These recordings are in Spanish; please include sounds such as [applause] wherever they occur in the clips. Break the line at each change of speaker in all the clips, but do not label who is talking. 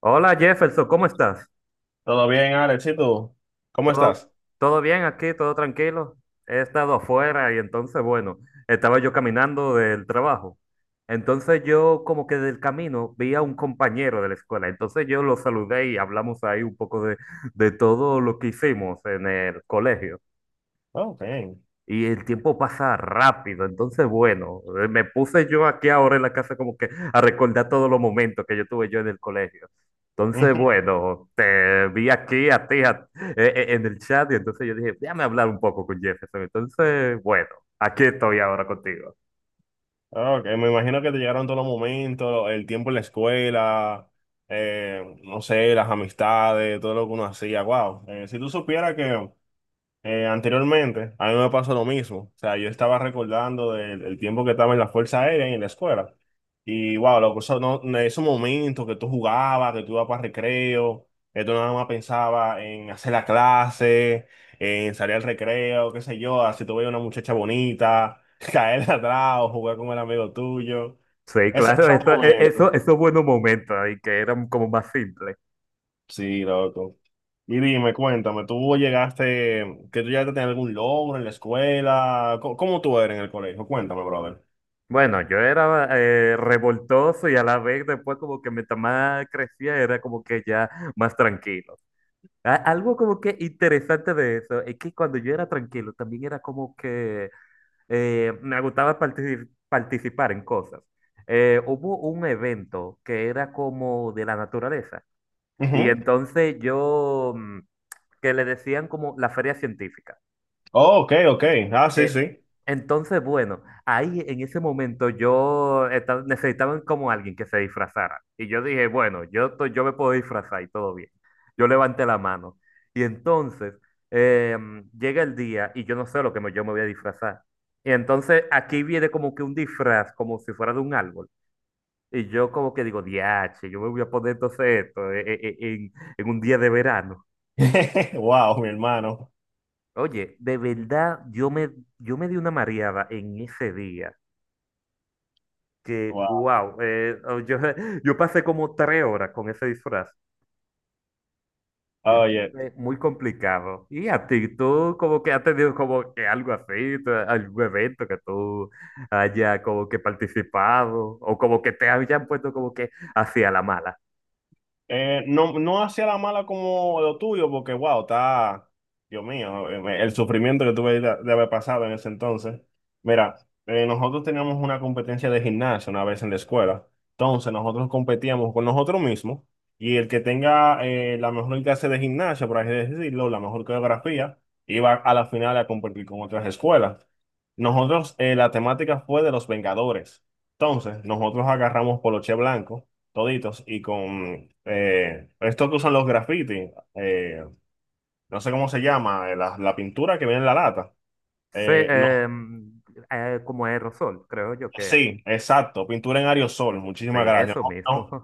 Hola Jefferson, ¿cómo estás?
¿Todo bien, Alex? ¿Y tú? ¿Cómo
¿Todo,
estás?
todo bien aquí? ¿Todo tranquilo? He estado afuera y entonces, bueno, estaba yo caminando del trabajo. Entonces yo como que del camino vi a un compañero de la escuela. Entonces yo lo saludé y hablamos ahí un poco de todo lo que hicimos en el colegio.
Oh, bien.
Y el tiempo pasa rápido, entonces bueno, me puse yo aquí ahora en la casa como que a recordar todos los momentos que yo tuve yo en el colegio. Entonces
Ujú.
bueno, te vi aquí a ti en el chat y entonces yo dije, déjame hablar un poco con Jefferson. Entonces bueno, aquí estoy ahora contigo.
Ah, Ok, me imagino que te llegaron todos los momentos, el tiempo en la escuela, no sé, las amistades, todo lo que uno hacía. Wow. Si tú supieras que Anteriormente, a mí me pasó lo mismo. O sea, yo estaba recordando el tiempo que estaba en la Fuerza Aérea y en la escuela. Y wow, loco, eso no, en esos momentos que tú jugabas, que tú ibas para recreo, que tú nada más pensabas en hacer la clase, en salir al recreo, qué sé yo, así tú veías una muchacha bonita, [laughs] caerle atrás o jugar con el amigo tuyo.
Sí, claro,
Esos
eso, eh,
momentos.
eso, esos buenos momentos ahí que eran como más simples.
Sí, loco. Y dime, cuéntame, ¿que tú llegaste a tener algún logro en la escuela? ¿Cómo tú eres en el colegio? Cuéntame, brother.
Bueno, yo era revoltoso y a la vez después como que mientras más crecía era como que ya más tranquilo. Algo como que interesante de eso es que cuando yo era tranquilo también era como que me gustaba participar en cosas. Hubo un evento que era como de la naturaleza y
Ujú.
entonces yo, que le decían como la feria científica.
Oh, ok, ok. Ah, sí,
Eh,
sí.
entonces, bueno, ahí en ese momento yo necesitaban como alguien que se disfrazara. Y yo dije, bueno, yo, yo me puedo disfrazar y todo bien. Yo levanté la mano. Y entonces llega el día y yo no sé lo que yo me voy a disfrazar. Y entonces aquí viene como que un disfraz, como si fuera de un árbol. Y yo como que digo, diache, yo me voy a poner entonces esto en un día de verano.
[laughs] Wow, mi hermano.
Oye, de verdad, yo me di una mareada en ese día, que,
Wow.
wow, [laughs] yo pasé como 3 horas con ese disfraz.
Oye.
Entonces, muy complicado. Y a ti, tú como que has tenido como que algo así, algún evento que tú haya como que participado o como que te hayan puesto como que hacia la mala.
No, no hacia la mala como lo tuyo, porque wow, está, Dios mío, el sufrimiento que tuve de haber pasado en ese entonces. Mira, nosotros teníamos una competencia de gimnasio una vez en la escuela. Entonces nosotros competíamos con nosotros mismos y el que tenga la mejor clase de gimnasia, por así decirlo, la mejor coreografía, iba a la final a competir con otras escuelas. Nosotros, la temática fue de los Vengadores. Entonces, nosotros agarramos poloche blanco toditos y con esto que usan los graffiti, no sé cómo se llama, la, la pintura que viene en la lata.
Sí,
No,
como aerosol, creo yo que es.
sí, exacto, pintura en aerosol,
Sí,
muchísimas gracias.
eso mismo.
No,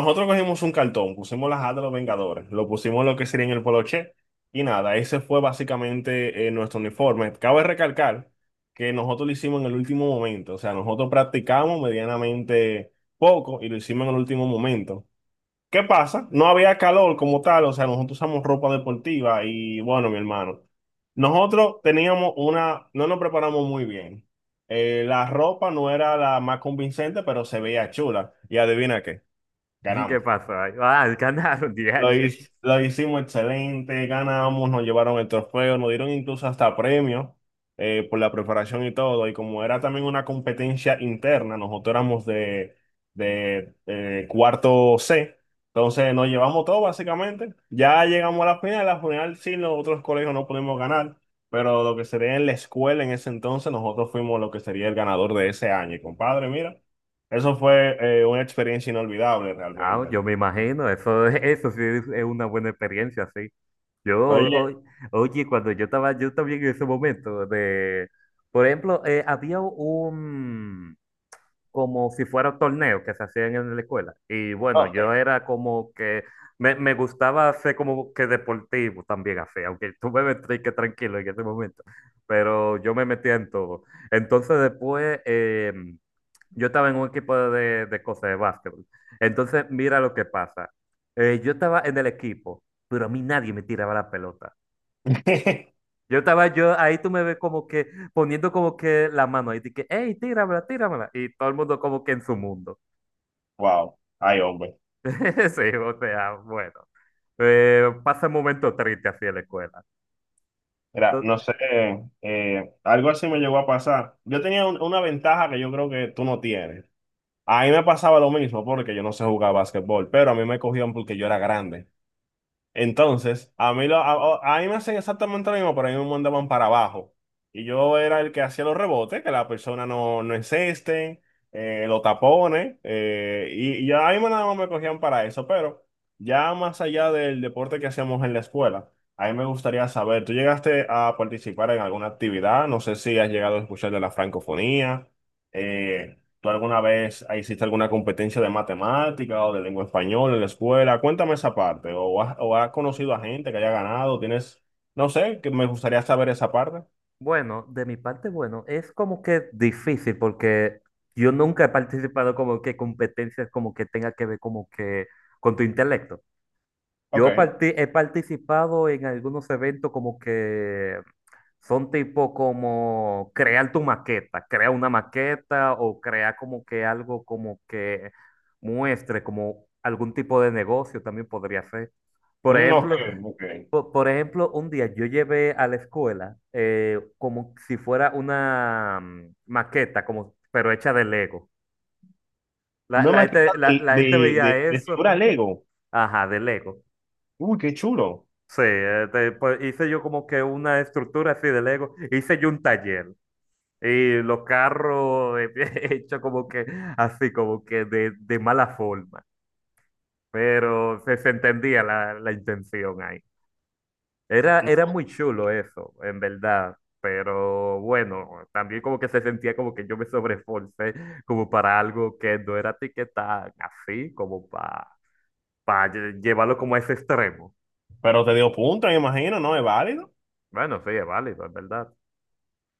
nosotros cogimos un cartón, pusimos las A de los Vengadores, lo pusimos lo que sería en el poloche y nada, ese fue básicamente nuestro uniforme. Cabe recalcar que nosotros lo hicimos en el último momento, o sea, nosotros practicamos medianamente poco y lo hicimos en el último momento. ¿Qué pasa? No había calor como tal, o sea, nosotros usamos ropa deportiva y bueno, mi hermano, nosotros teníamos una, no nos preparamos muy bien. La ropa no era la más convincente, pero se veía chula. Y adivina qué,
[laughs] ¿Y
ganamos.
qué pasó? Ahí? Ah, ganaron, [laughs] DH.
Lo hicimos excelente, ganamos, nos llevaron el trofeo, nos dieron incluso hasta premios por la preparación y todo. Y como era también una competencia interna, nosotros éramos de cuarto C, entonces nos llevamos todo básicamente. Ya llegamos a la final sí, los otros colegios no pudimos ganar, pero lo que sería en la escuela en ese entonces, nosotros fuimos lo que sería el ganador de ese año. Y compadre, mira, eso fue una experiencia inolvidable
Ah,
realmente.
yo me imagino, eso, [laughs] eso sí es una buena experiencia, sí. Yo,
Oye,
o- oye, cuando yo estaba, yo también en ese momento de, por ejemplo, había un, como si fuera un torneo que se hacían en la escuela. Y bueno, yo
ok.
era como que, me gustaba ser como que deportivo también así, aunque tú me ves que tranquilo en ese momento, pero yo me metía en todo. Entonces después, yo estaba en un equipo de cosas de básquetbol. Entonces, mira lo que pasa. Yo estaba en el equipo, pero a mí nadie me tiraba la pelota.
[laughs]
Yo estaba yo ahí, tú me ves como que poniendo como que la mano ahí, de que, hey, tíramela, tíramela. Y todo el mundo como que en su mundo.
Wow, ay hombre.
[laughs] Sí, o sea, bueno. Pasa un momento triste así en la escuela.
Mira,
Entonces,
no sé, algo así me llegó a pasar. Yo tenía una ventaja que yo creo que tú no tienes. A mí me pasaba lo mismo porque yo no sé jugar básquetbol, pero a mí me cogían porque yo era grande. Entonces, a mí me hacen exactamente lo mismo, pero a mí me mandaban para abajo. Y yo era el que hacía los rebotes, que la persona no, no encesten, los tapones, y a mí nada más me cogían para eso. Pero ya más allá del deporte que hacíamos en la escuela, a mí me gustaría saber, ¿tú llegaste a participar en alguna actividad? No sé si has llegado a escuchar de la francofonía, eh, ¿tú alguna vez hiciste alguna competencia de matemática o de lengua española en la escuela? Cuéntame esa parte. O has conocido a gente que haya ganado? ¿Tienes, no sé, que me gustaría saber esa parte?
bueno, de mi parte, bueno, es como que difícil porque yo nunca he participado como que competencias como que tenga que ver como que con tu intelecto. Yo
Ok.
he participado en algunos eventos como que son tipo como crear tu maqueta, crea una maqueta o crea como que algo como que muestre como algún tipo de negocio también podría ser. Por
Mm, ok,
ejemplo,
ok.
un día yo llevé a la escuela como si fuera una maqueta, como, pero hecha de Lego. La,
No
la
me has
gente,
quitado
la la gente veía
de
eso,
figura
[laughs]
Lego.
ajá, de Lego.
Uy, qué chulo.
Sí, pues, hice yo como que una estructura así de Lego, hice yo un taller y los carros [laughs] hecho como que así, como que de mala forma, pero se entendía la intención ahí. Era,
No,
era muy chulo eso, en verdad, pero bueno, también como que se sentía como que yo me sobreesforcé como para algo que no era ti que tan así, como para llevarlo como a ese extremo.
pero te dio punto, me imagino, ¿no? ¿Es válido?
Bueno, sí, es válido, es verdad.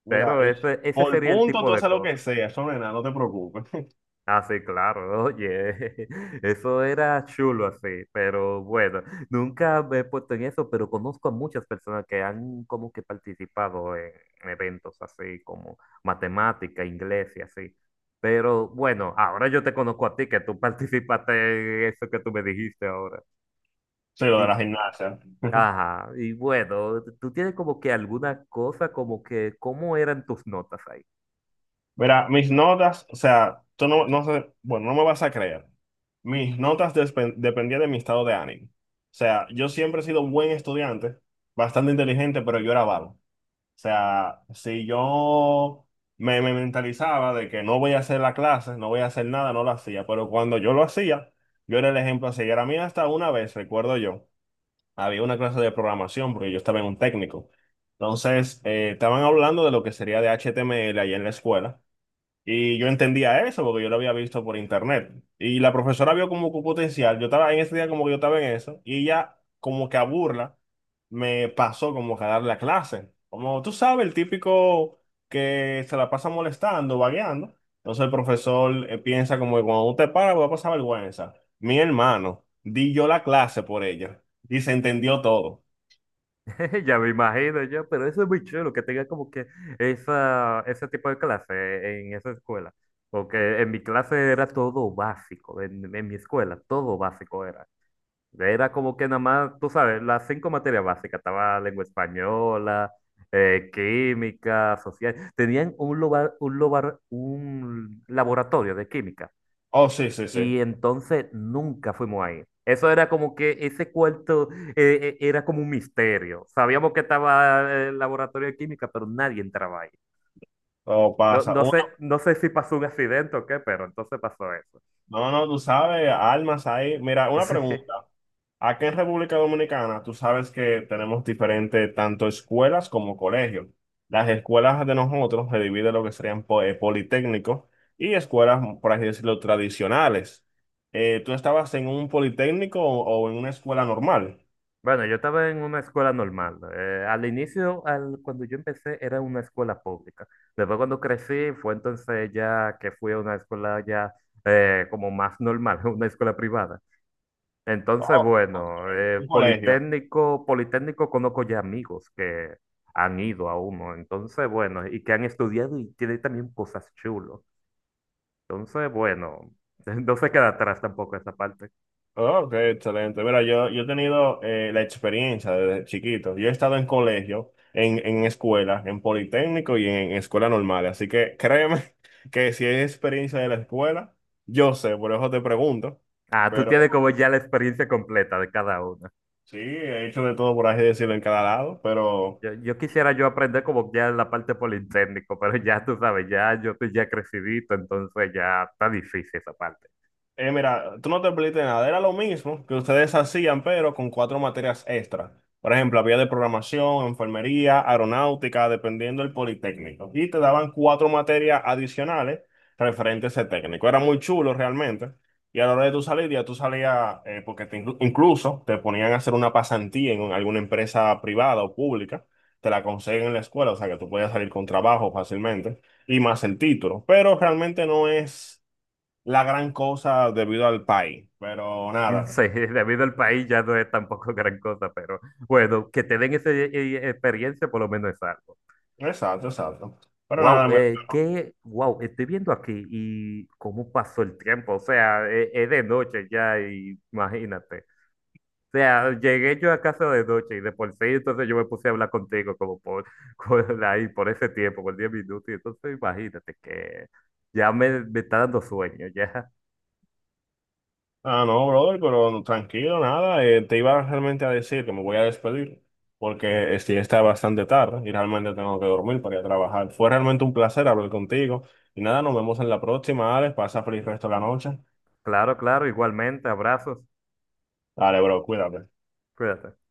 Mira,
Pero
es-
ese
por
sería el
punto
tipo
tú
de
haces lo que
cosas.
sea, eso no es nada, no te preocupes. [laughs]
Así, claro, oye, [laughs] eso era chulo así, pero bueno, nunca me he puesto en eso, pero conozco a muchas personas que han como que participado en eventos así como matemática, inglés y así. Pero bueno, ahora yo te conozco a ti, que tú [laughs] participaste en eso que tú me dijiste ahora.
Sí, lo de la
Y,
gimnasia. [laughs]
ajá, y bueno, tú tienes como que alguna cosa como que, ¿cómo eran tus notas ahí?
Verá, mis notas, o sea, tú no, no sé, bueno, no me vas a creer. Mis notas dependían de mi estado de ánimo. O sea, yo siempre he sido un buen estudiante, bastante inteligente, pero yo era vago. O sea, si yo me mentalizaba de que no voy a hacer la clase, no voy a hacer nada, no lo hacía. Pero cuando yo lo hacía, yo era el ejemplo a seguir. A mí hasta una vez, recuerdo yo, había una clase de programación, porque yo estaba en un técnico. Entonces, estaban hablando de lo que sería de HTML ahí en la escuela. Y yo entendía eso porque yo lo había visto por internet. Y la profesora vio como que potencial. Yo estaba en ese día como que yo estaba en eso. Y ella como que a burla me pasó como que a dar la clase. Como tú sabes, el típico que se la pasa molestando, vagueando. Entonces el profesor piensa como que cuando usted para va a pasar vergüenza. Mi hermano, di yo la clase por ella. Y se entendió todo.
[laughs] Ya me imagino yo, pero eso es muy chulo, que tenga como que esa, ese tipo de clase en esa escuela. Porque en mi clase era todo básico, en mi escuela todo básico era. Era como que nada más, tú sabes, las cinco materias básicas, estaba lengua española, química, social. Tenían un, loba- un, lobar- un laboratorio de química
Oh, sí, sí, sí.
y entonces nunca fuimos ahí. Eso era como que ese cuarto era como un misterio. Sabíamos que estaba el laboratorio de química, pero nadie entraba ahí.
Todo
No,
pasa.
no sé, no sé si pasó un accidente o qué, pero entonces pasó eso. [laughs]
No, no, tú sabes, almas ahí. Mira, una
Sí.
pregunta. Aquí en República Dominicana, tú sabes que tenemos diferentes tanto escuelas como colegios. Las escuelas de nosotros se dividen en lo que serían politécnicos y escuelas, por así decirlo, tradicionales. ¿Tú estabas en un politécnico o en una escuela normal?
Bueno, yo estaba en una escuela normal. Al inicio, cuando yo empecé, era una escuela pública. Después cuando crecí, fue entonces ya que fui a una escuela ya como más normal, [laughs] una escuela privada. Entonces,
Oh, ok.
bueno,
Un colegio.
Politécnico, conozco ya amigos que han ido a uno, entonces, bueno, y que han estudiado y tiene también cosas chulas. Entonces, bueno, [laughs] no se queda atrás tampoco esa parte.
Oh, Ok, excelente. Mira, yo he tenido la experiencia desde chiquito. Yo he estado en colegio, en escuela, en politécnico y en escuela normal. Así que créeme [laughs] que si hay experiencia de la escuela, yo sé, por eso te pregunto.
Ah, tú
Pero
tienes como ya la experiencia completa de cada una.
sí, he hecho de todo por así decirlo en cada lado. Pero
Yo quisiera yo aprender como ya la parte Politécnico, pero ya tú sabes, ya yo estoy ya crecidito, entonces ya está difícil esa parte.
Mira, tú no te perdiste nada, era lo mismo que ustedes hacían, pero con cuatro materias extra. Por ejemplo, había de programación, enfermería, aeronáutica, dependiendo del politécnico. Y te daban cuatro materias adicionales referentes a ese técnico. Era muy chulo realmente. Y a la hora de tu salir, ya tú salías, incluso te ponían a hacer una pasantía en alguna empresa privada o pública. Te la consiguen en la escuela, o sea que tú podías salir con trabajo fácilmente y más el título. Pero realmente no es la gran cosa debido al país, pero
[laughs]
nada,
Sí, debido al país ya no es tampoco gran cosa, pero bueno, que te den esa experiencia por lo menos es algo.
exacto, exacto. Pero
Wow,
nada, me-
qué, wow, estoy viendo aquí y cómo pasó el tiempo, o sea, es, de noche ya, y imagínate. O sea, llegué yo a casa de noche y de por sí, entonces yo me puse a hablar contigo como por, [laughs] ahí, por ese tiempo, por 10 minutos, y entonces imagínate que ya me está dando sueño, ya.
Ah, no, brother, pero no, tranquilo, nada, te iba realmente a decir que me voy a despedir porque sí está bastante tarde y realmente tengo que dormir para ir a trabajar. Fue realmente un placer hablar contigo y nada, nos vemos en la próxima, Alex, pasa feliz resto de la noche.
Claro, claro, igualmente, abrazos,
Dale, bro, cuídate.
cuídate.